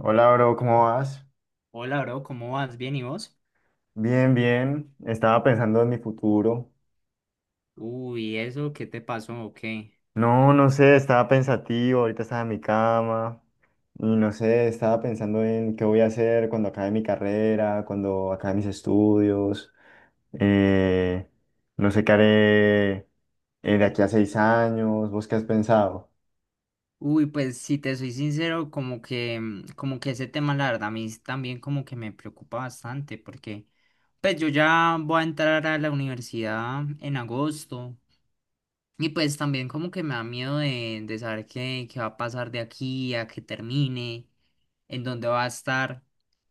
Hola, bro, ¿cómo vas? Hola, bro, ¿cómo vas? ¿Bien y vos? Bien, bien. Estaba pensando en mi futuro. Uy, ¿eso qué te pasó o qué? No, no sé, estaba pensativo, ahorita estaba en mi cama y no sé, estaba pensando en qué voy a hacer cuando acabe mi carrera, cuando acabe mis estudios. eh, no sé qué haré de aquí a 6 años. ¿Vos qué has pensado? Uy, pues si te soy sincero, como que, como que ese tema, la verdad, a mí también como que me preocupa bastante porque, pues yo ya voy a entrar a la universidad en agosto y pues también como que me da miedo de saber qué va a pasar de aquí a que termine, en donde va a estar,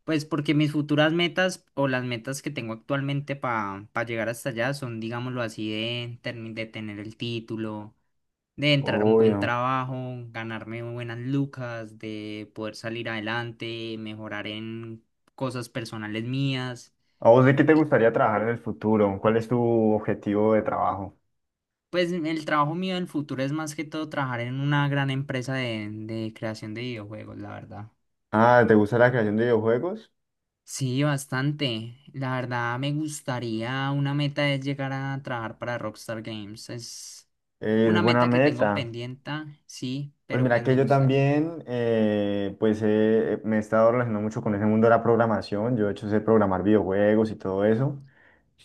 pues porque mis futuras metas o las metas que tengo actualmente para llegar hasta allá son, digámoslo así, de, de tener el título, de entrar a un buen Obvio. trabajo, ganarme buenas lucas, de poder salir adelante, mejorar en cosas personales mías. ¿A vos de qué te Y gustaría trabajar en el futuro? ¿Cuál es tu objetivo de trabajo? pues el trabajo mío del futuro es más que todo trabajar en una gran empresa de creación de videojuegos, la verdad. Ah, ¿te gusta la creación de videojuegos? Sí, bastante. La verdad me gustaría, una meta es llegar a trabajar para Rockstar Games. Es Es una buena meta que tengo meta. pendiente, sí, Pues pero mira pues que me yo gustaría. también, pues me he estado relacionando mucho con ese mundo de la programación. Yo de hecho sé programar videojuegos y todo eso.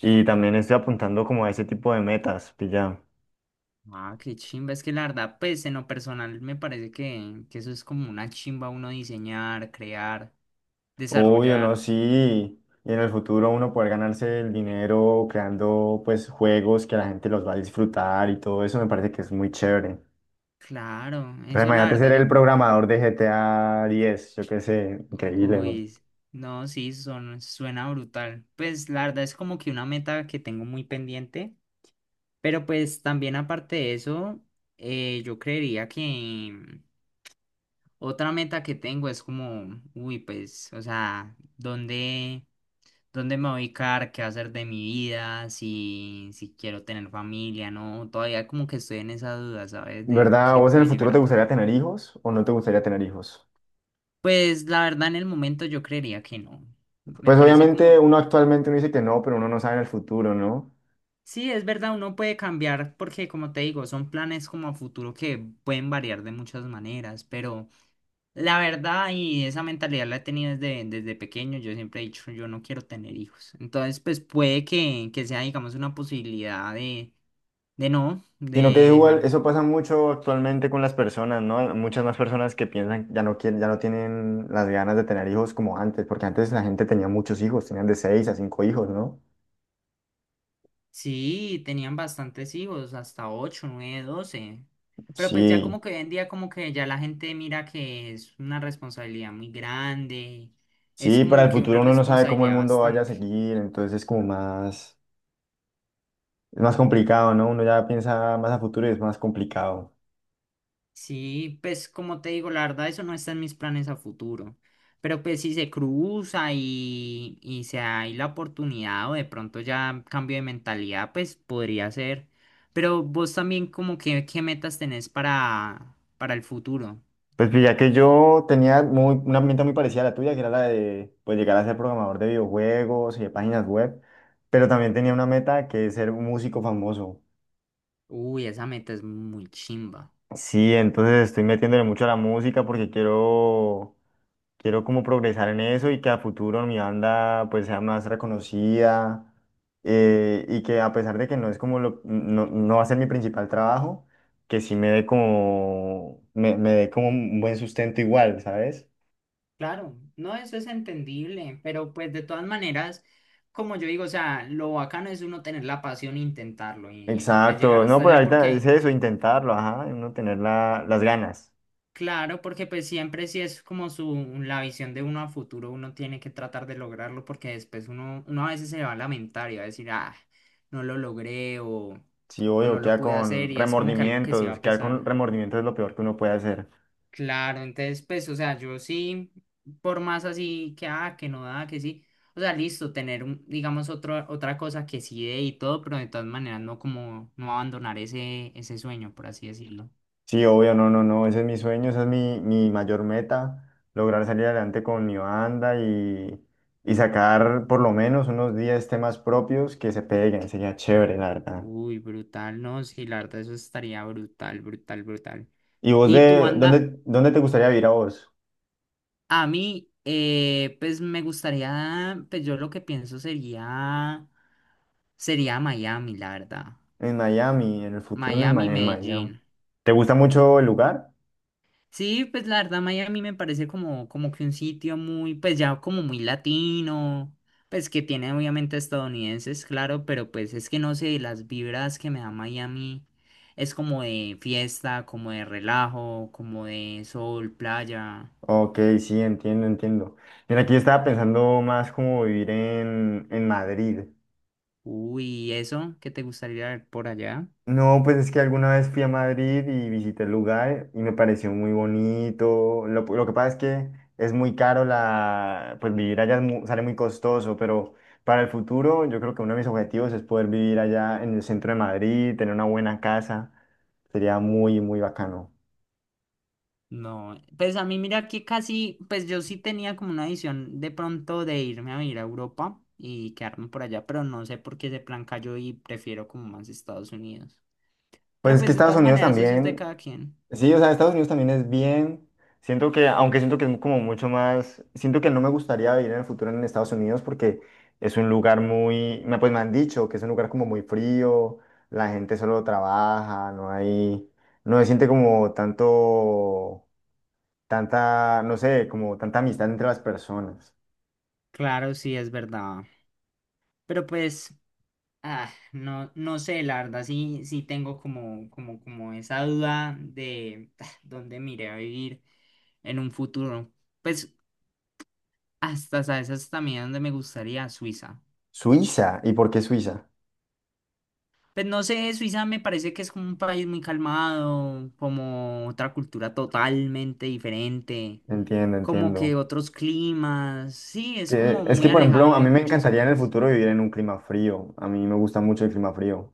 Y también estoy apuntando como a ese tipo de metas, pilla. Ah, qué chimba. Es que la verdad, pues en lo personal me parece que eso es como una chimba uno diseñar, crear, Obvio, no, desarrollar. sí. Y en el futuro uno poder ganarse el dinero creando pues juegos que la gente los va a disfrutar y todo eso me parece que es muy chévere. Claro, Pero eso la imagínate ser verdad el yo... programador de GTA diez. Yo qué sé, increíble, ¿no? Uy, no, sí, son, suena brutal. Pues la verdad es como que una meta que tengo muy pendiente. Pero pues también aparte de eso, yo creería que otra meta que tengo es como, uy, pues, o sea, ¿dónde me voy a ubicar? ¿Qué va a hacer de mi vida? Si quiero tener familia, ¿no? Todavía como que estoy en esa duda, ¿sabes? De ¿Verdad? qué ¿Vos en el puede futuro llegar te a gustaría pasar. tener hijos o no te gustaría tener hijos? Pues la verdad en el momento yo creería que no. Me Pues parece como... obviamente uno actualmente uno dice que no, pero uno no sabe en el futuro, ¿no? Sí, es verdad, uno puede cambiar porque, como te digo, son planes como a futuro que pueden variar de muchas maneras, pero... La verdad, y esa mentalidad la he tenido desde pequeño, yo siempre he dicho, yo no quiero tener hijos. Entonces, pues puede que sea, digamos, una posibilidad de no, Sino que de igual dejar. eso pasa mucho actualmente con las personas, ¿no? Muchas más personas que piensan ya no quieren, ya no tienen las ganas de tener hijos como antes, porque antes la gente tenía muchos hijos, tenían de 6 a 5 hijos, ¿no? Sí, tenían bastantes hijos, hasta 8 9 12. Pero pues ya como Sí, que hoy en día como que ya la gente mira que es una responsabilidad muy grande, es sí, para como el que futuro una uno no sabe cómo el responsabilidad mundo vaya a bastante. seguir, entonces es como más, es más complicado, ¿no? Uno ya piensa más a futuro y es más complicado. Sí, pues como te digo, la verdad eso no está en mis planes a futuro. Pero pues si se cruza y se hay la oportunidad o de pronto ya cambio de mentalidad, pues podría ser. Pero vos también como que qué metas tenés para el futuro. Pues, ya que yo tenía muy, una herramienta muy parecida a la tuya, que era la de pues, llegar a ser programador de videojuegos y de páginas web, pero también tenía una meta que es ser un músico famoso. Uy, esa meta es muy chimba. Sí, entonces estoy metiéndole mucho a la música porque quiero, quiero como progresar en eso y que a futuro mi banda pues sea más reconocida y que a pesar de que no es como lo, no, no va a ser mi principal trabajo, que sí me dé como, me dé como un buen sustento igual, ¿sabes? Claro, no, eso es entendible, pero pues de todas maneras, como yo digo, o sea, lo bacano es uno tener la pasión e intentarlo y pues Exacto, llegar no, hasta pero allá ahorita es porque... eso, intentarlo, ajá, uno tener las ganas. Claro, porque pues siempre si es como su, la visión de uno a futuro, uno tiene que tratar de lograrlo porque después uno a veces se va a lamentar y va a decir, ah, no lo logré Sí, o obvio, no lo queda pude hacer con y es como que algo que sí va remordimientos, a quedar con pesar. remordimientos es lo peor que uno puede hacer. Claro, entonces pues, o sea, yo sí, por más así que, ah, que no da, que sí, o sea, listo, tener, un, digamos, otro, otra cosa que sí dé y todo, pero de todas maneras no como, no abandonar ese sueño, por así decirlo. Sí, obvio, no, no, no, ese es mi sueño, esa es mi, mi mayor meta, lograr salir adelante con mi banda y sacar por lo menos unos 10 temas propios que se peguen, sería chévere, la verdad. Uy, brutal, no, sí, la verdad, eso estaría brutal, brutal, brutal. ¿Y vos Y tu de banda, dónde, dónde te gustaría vivir a vos? a mí, pues me gustaría, pues yo lo que pienso sería, sería Miami, la verdad. En Miami, en el futuro en el Miami, en Miami. Medellín. ¿Te gusta mucho el lugar? Sí, pues la verdad Miami me parece como, como que un sitio muy, pues ya como muy latino, pues que tiene obviamente estadounidenses, claro, pero pues es que no sé, las vibras que me da Miami es como de fiesta, como de relajo, como de sol, playa. Ok, sí, entiendo, entiendo. Mira, aquí yo estaba pensando más como vivir en Madrid. Uy, ¿y eso? ¿Qué te gustaría ver por allá? No, pues es que alguna vez fui a Madrid y visité el lugar y me pareció muy bonito. Lo que pasa es que es muy caro la, pues vivir allá es sale muy costoso, pero para el futuro yo creo que uno de mis objetivos es poder vivir allá en el centro de Madrid, tener una buena casa. Sería muy, muy bacano. No, pues a mí mira que casi, pues yo sí tenía como una visión de pronto de irme a vivir a Europa y quedarme por allá, pero no sé por qué ese plan cayó y prefiero como más Estados Unidos. Pues Pero es pues que de Estados todas Unidos maneras eso es de también. cada quien. Sí, o sea, Estados Unidos también es bien. Siento que, aunque siento que es como mucho más, siento que no me gustaría vivir en el futuro en Estados Unidos porque es un lugar muy, pues me han dicho que es un lugar como muy frío, la gente solo trabaja, no hay, no se siente como tanto, tanta, no sé, como tanta amistad entre las personas. Claro, sí, es verdad. Pero pues, ah, no, no sé, la verdad sí, sí tengo como, como, como esa duda de ah, dónde me iré a vivir en un futuro. Pues hasta, ¿sabes? Hasta también donde me gustaría Suiza. Suiza, ¿y por qué Suiza? Pues no sé, Suiza me parece que es como un país muy calmado, como otra cultura totalmente diferente, Entiendo, como que entiendo. otros climas, sí, es Que, como es que, muy por alejado ejemplo, a de mí me muchas encantaría en el cosas. futuro vivir en un clima frío. A mí me gusta mucho el clima frío.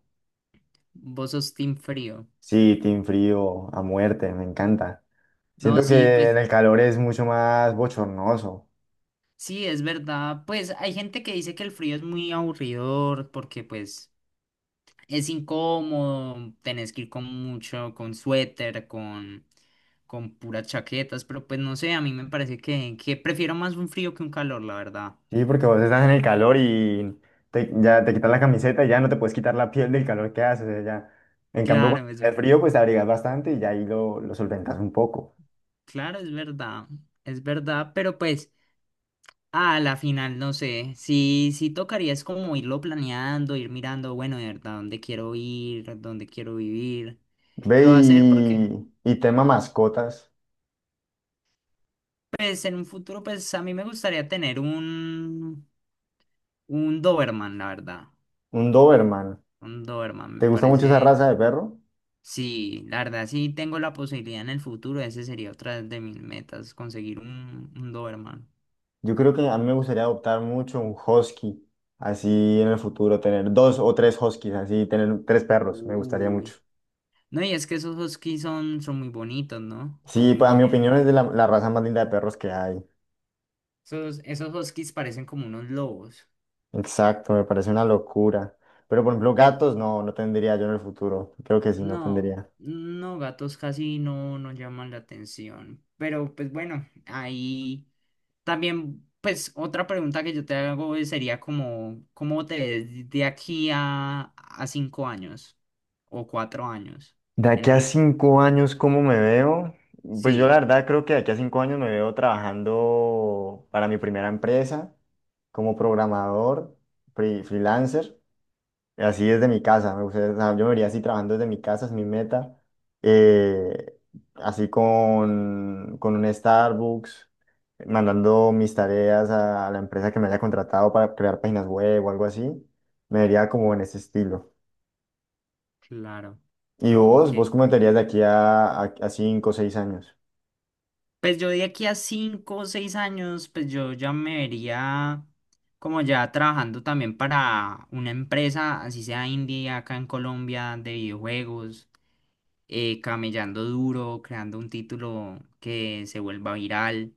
Vos sos team frío. Sí, team frío a muerte, me encanta. No, Siento sí, que pues en el calor es mucho más bochornoso. sí, es verdad. Pues hay gente que dice que el frío es muy aburridor porque pues es incómodo, tenés que ir con mucho, con suéter, con puras chaquetas, pero pues no sé, a mí me parece que prefiero más un frío que un calor, la verdad. Sí, porque vos estás en el calor y ya te quitas la camiseta y ya no te puedes quitar la piel del calor que hace. O sea, ya. En cambio, cuando Claro, es, tenés frío, pues te abrigas bastante y ya ahí lo solventas un poco. claro, es verdad, pero pues a la final no sé, sí, sí tocaría es como irlo planeando, ir mirando, bueno, de verdad, dónde quiero ir, dónde quiero vivir, qué Ve va a hacer, porque y tema mascotas. pues en un futuro pues a mí me gustaría tener un Doberman, la verdad, Un Doberman. un Doberman, ¿Te me gusta mucho esa parece, raza de perro? sí, la verdad, sí tengo la posibilidad en el futuro, ese sería otra de mis metas, conseguir un Doberman. Yo creo que a mí me gustaría adoptar mucho un husky, así en el futuro, tener dos o tres huskies, así tener tres perros, me gustaría mucho. Uy. No, y es que esos huskies son muy bonitos, ¿no? Sí, pues Son a mi opinión bien. es de la, la raza más linda de perros que hay. Esos, esos huskies parecen como unos lobos. Exacto, me parece una locura. Pero por ejemplo, Pero gatos no, no tendría yo en el futuro. Creo que sí, no no, tendría. no, gatos casi no, no llaman la atención. Pero pues bueno, ahí también, pues otra pregunta que yo te hago es- sería como, ¿cómo te ves de aquí a 5 años o 4 años? De aquí a En, 5 años, ¿cómo me veo? Pues yo la sí, verdad creo que de aquí a 5 años me veo trabajando para mi primera empresa como programador, freelancer. Así desde mi casa, me gustaría, o sea, yo me vería así trabajando desde mi casa, es mi meta. eh, Así con un Starbucks, mandando mis tareas a, la empresa que me haya contratado para crear páginas web o algo así. Me vería como en ese estilo. claro. ¿Y No, ok. vos? ¿Vos cómo te verías de aquí a 5 o 6 años? Pues yo de aquí a 5 o 6 años, pues yo ya me vería como ya trabajando también para una empresa, así sea indie acá en Colombia, de videojuegos, camellando duro, creando un título que se vuelva viral.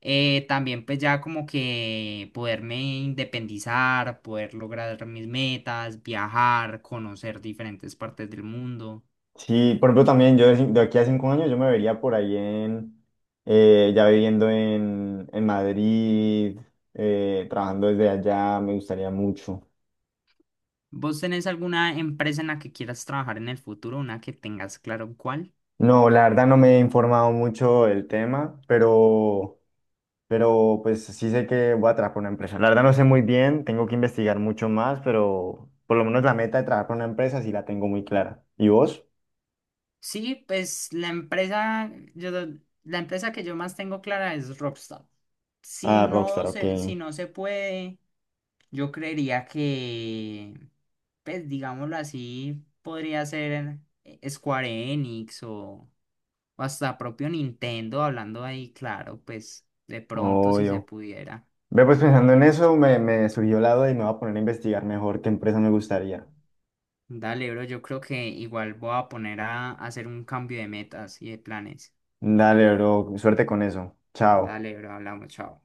También pues ya como que poderme independizar, poder lograr mis metas, viajar, conocer diferentes partes del mundo. Sí, por ejemplo, también yo de, de aquí a cinco años yo me vería por ahí en, ya viviendo en Madrid, trabajando desde allá, me gustaría mucho. ¿Vos tenés alguna empresa en la que quieras trabajar en el futuro, una que tengas claro cuál? No, la verdad no me he informado mucho del tema, pero pues sí sé que voy a trabajar para una empresa. La verdad no sé muy bien, tengo que investigar mucho más, pero por lo menos la meta de trabajar para una empresa sí la tengo muy clara. ¿Y vos? Sí, pues la empresa, yo, la empresa que yo más tengo clara es Rockstar. Ah, Rockstar, ok. Si no se puede, yo creería que, pues digámoslo así, podría ser Square Enix o hasta propio Nintendo, hablando ahí, claro, pues de pronto si se Obvio. pudiera. Ve, pues pensando en eso, me surgió la duda y me voy a poner a investigar mejor qué empresa me gustaría. Dale, bro, yo creo que igual voy a poner a hacer un cambio de metas y de planes. Dale, bro, suerte con eso. Chao. Dale, bro, hablamos, chao.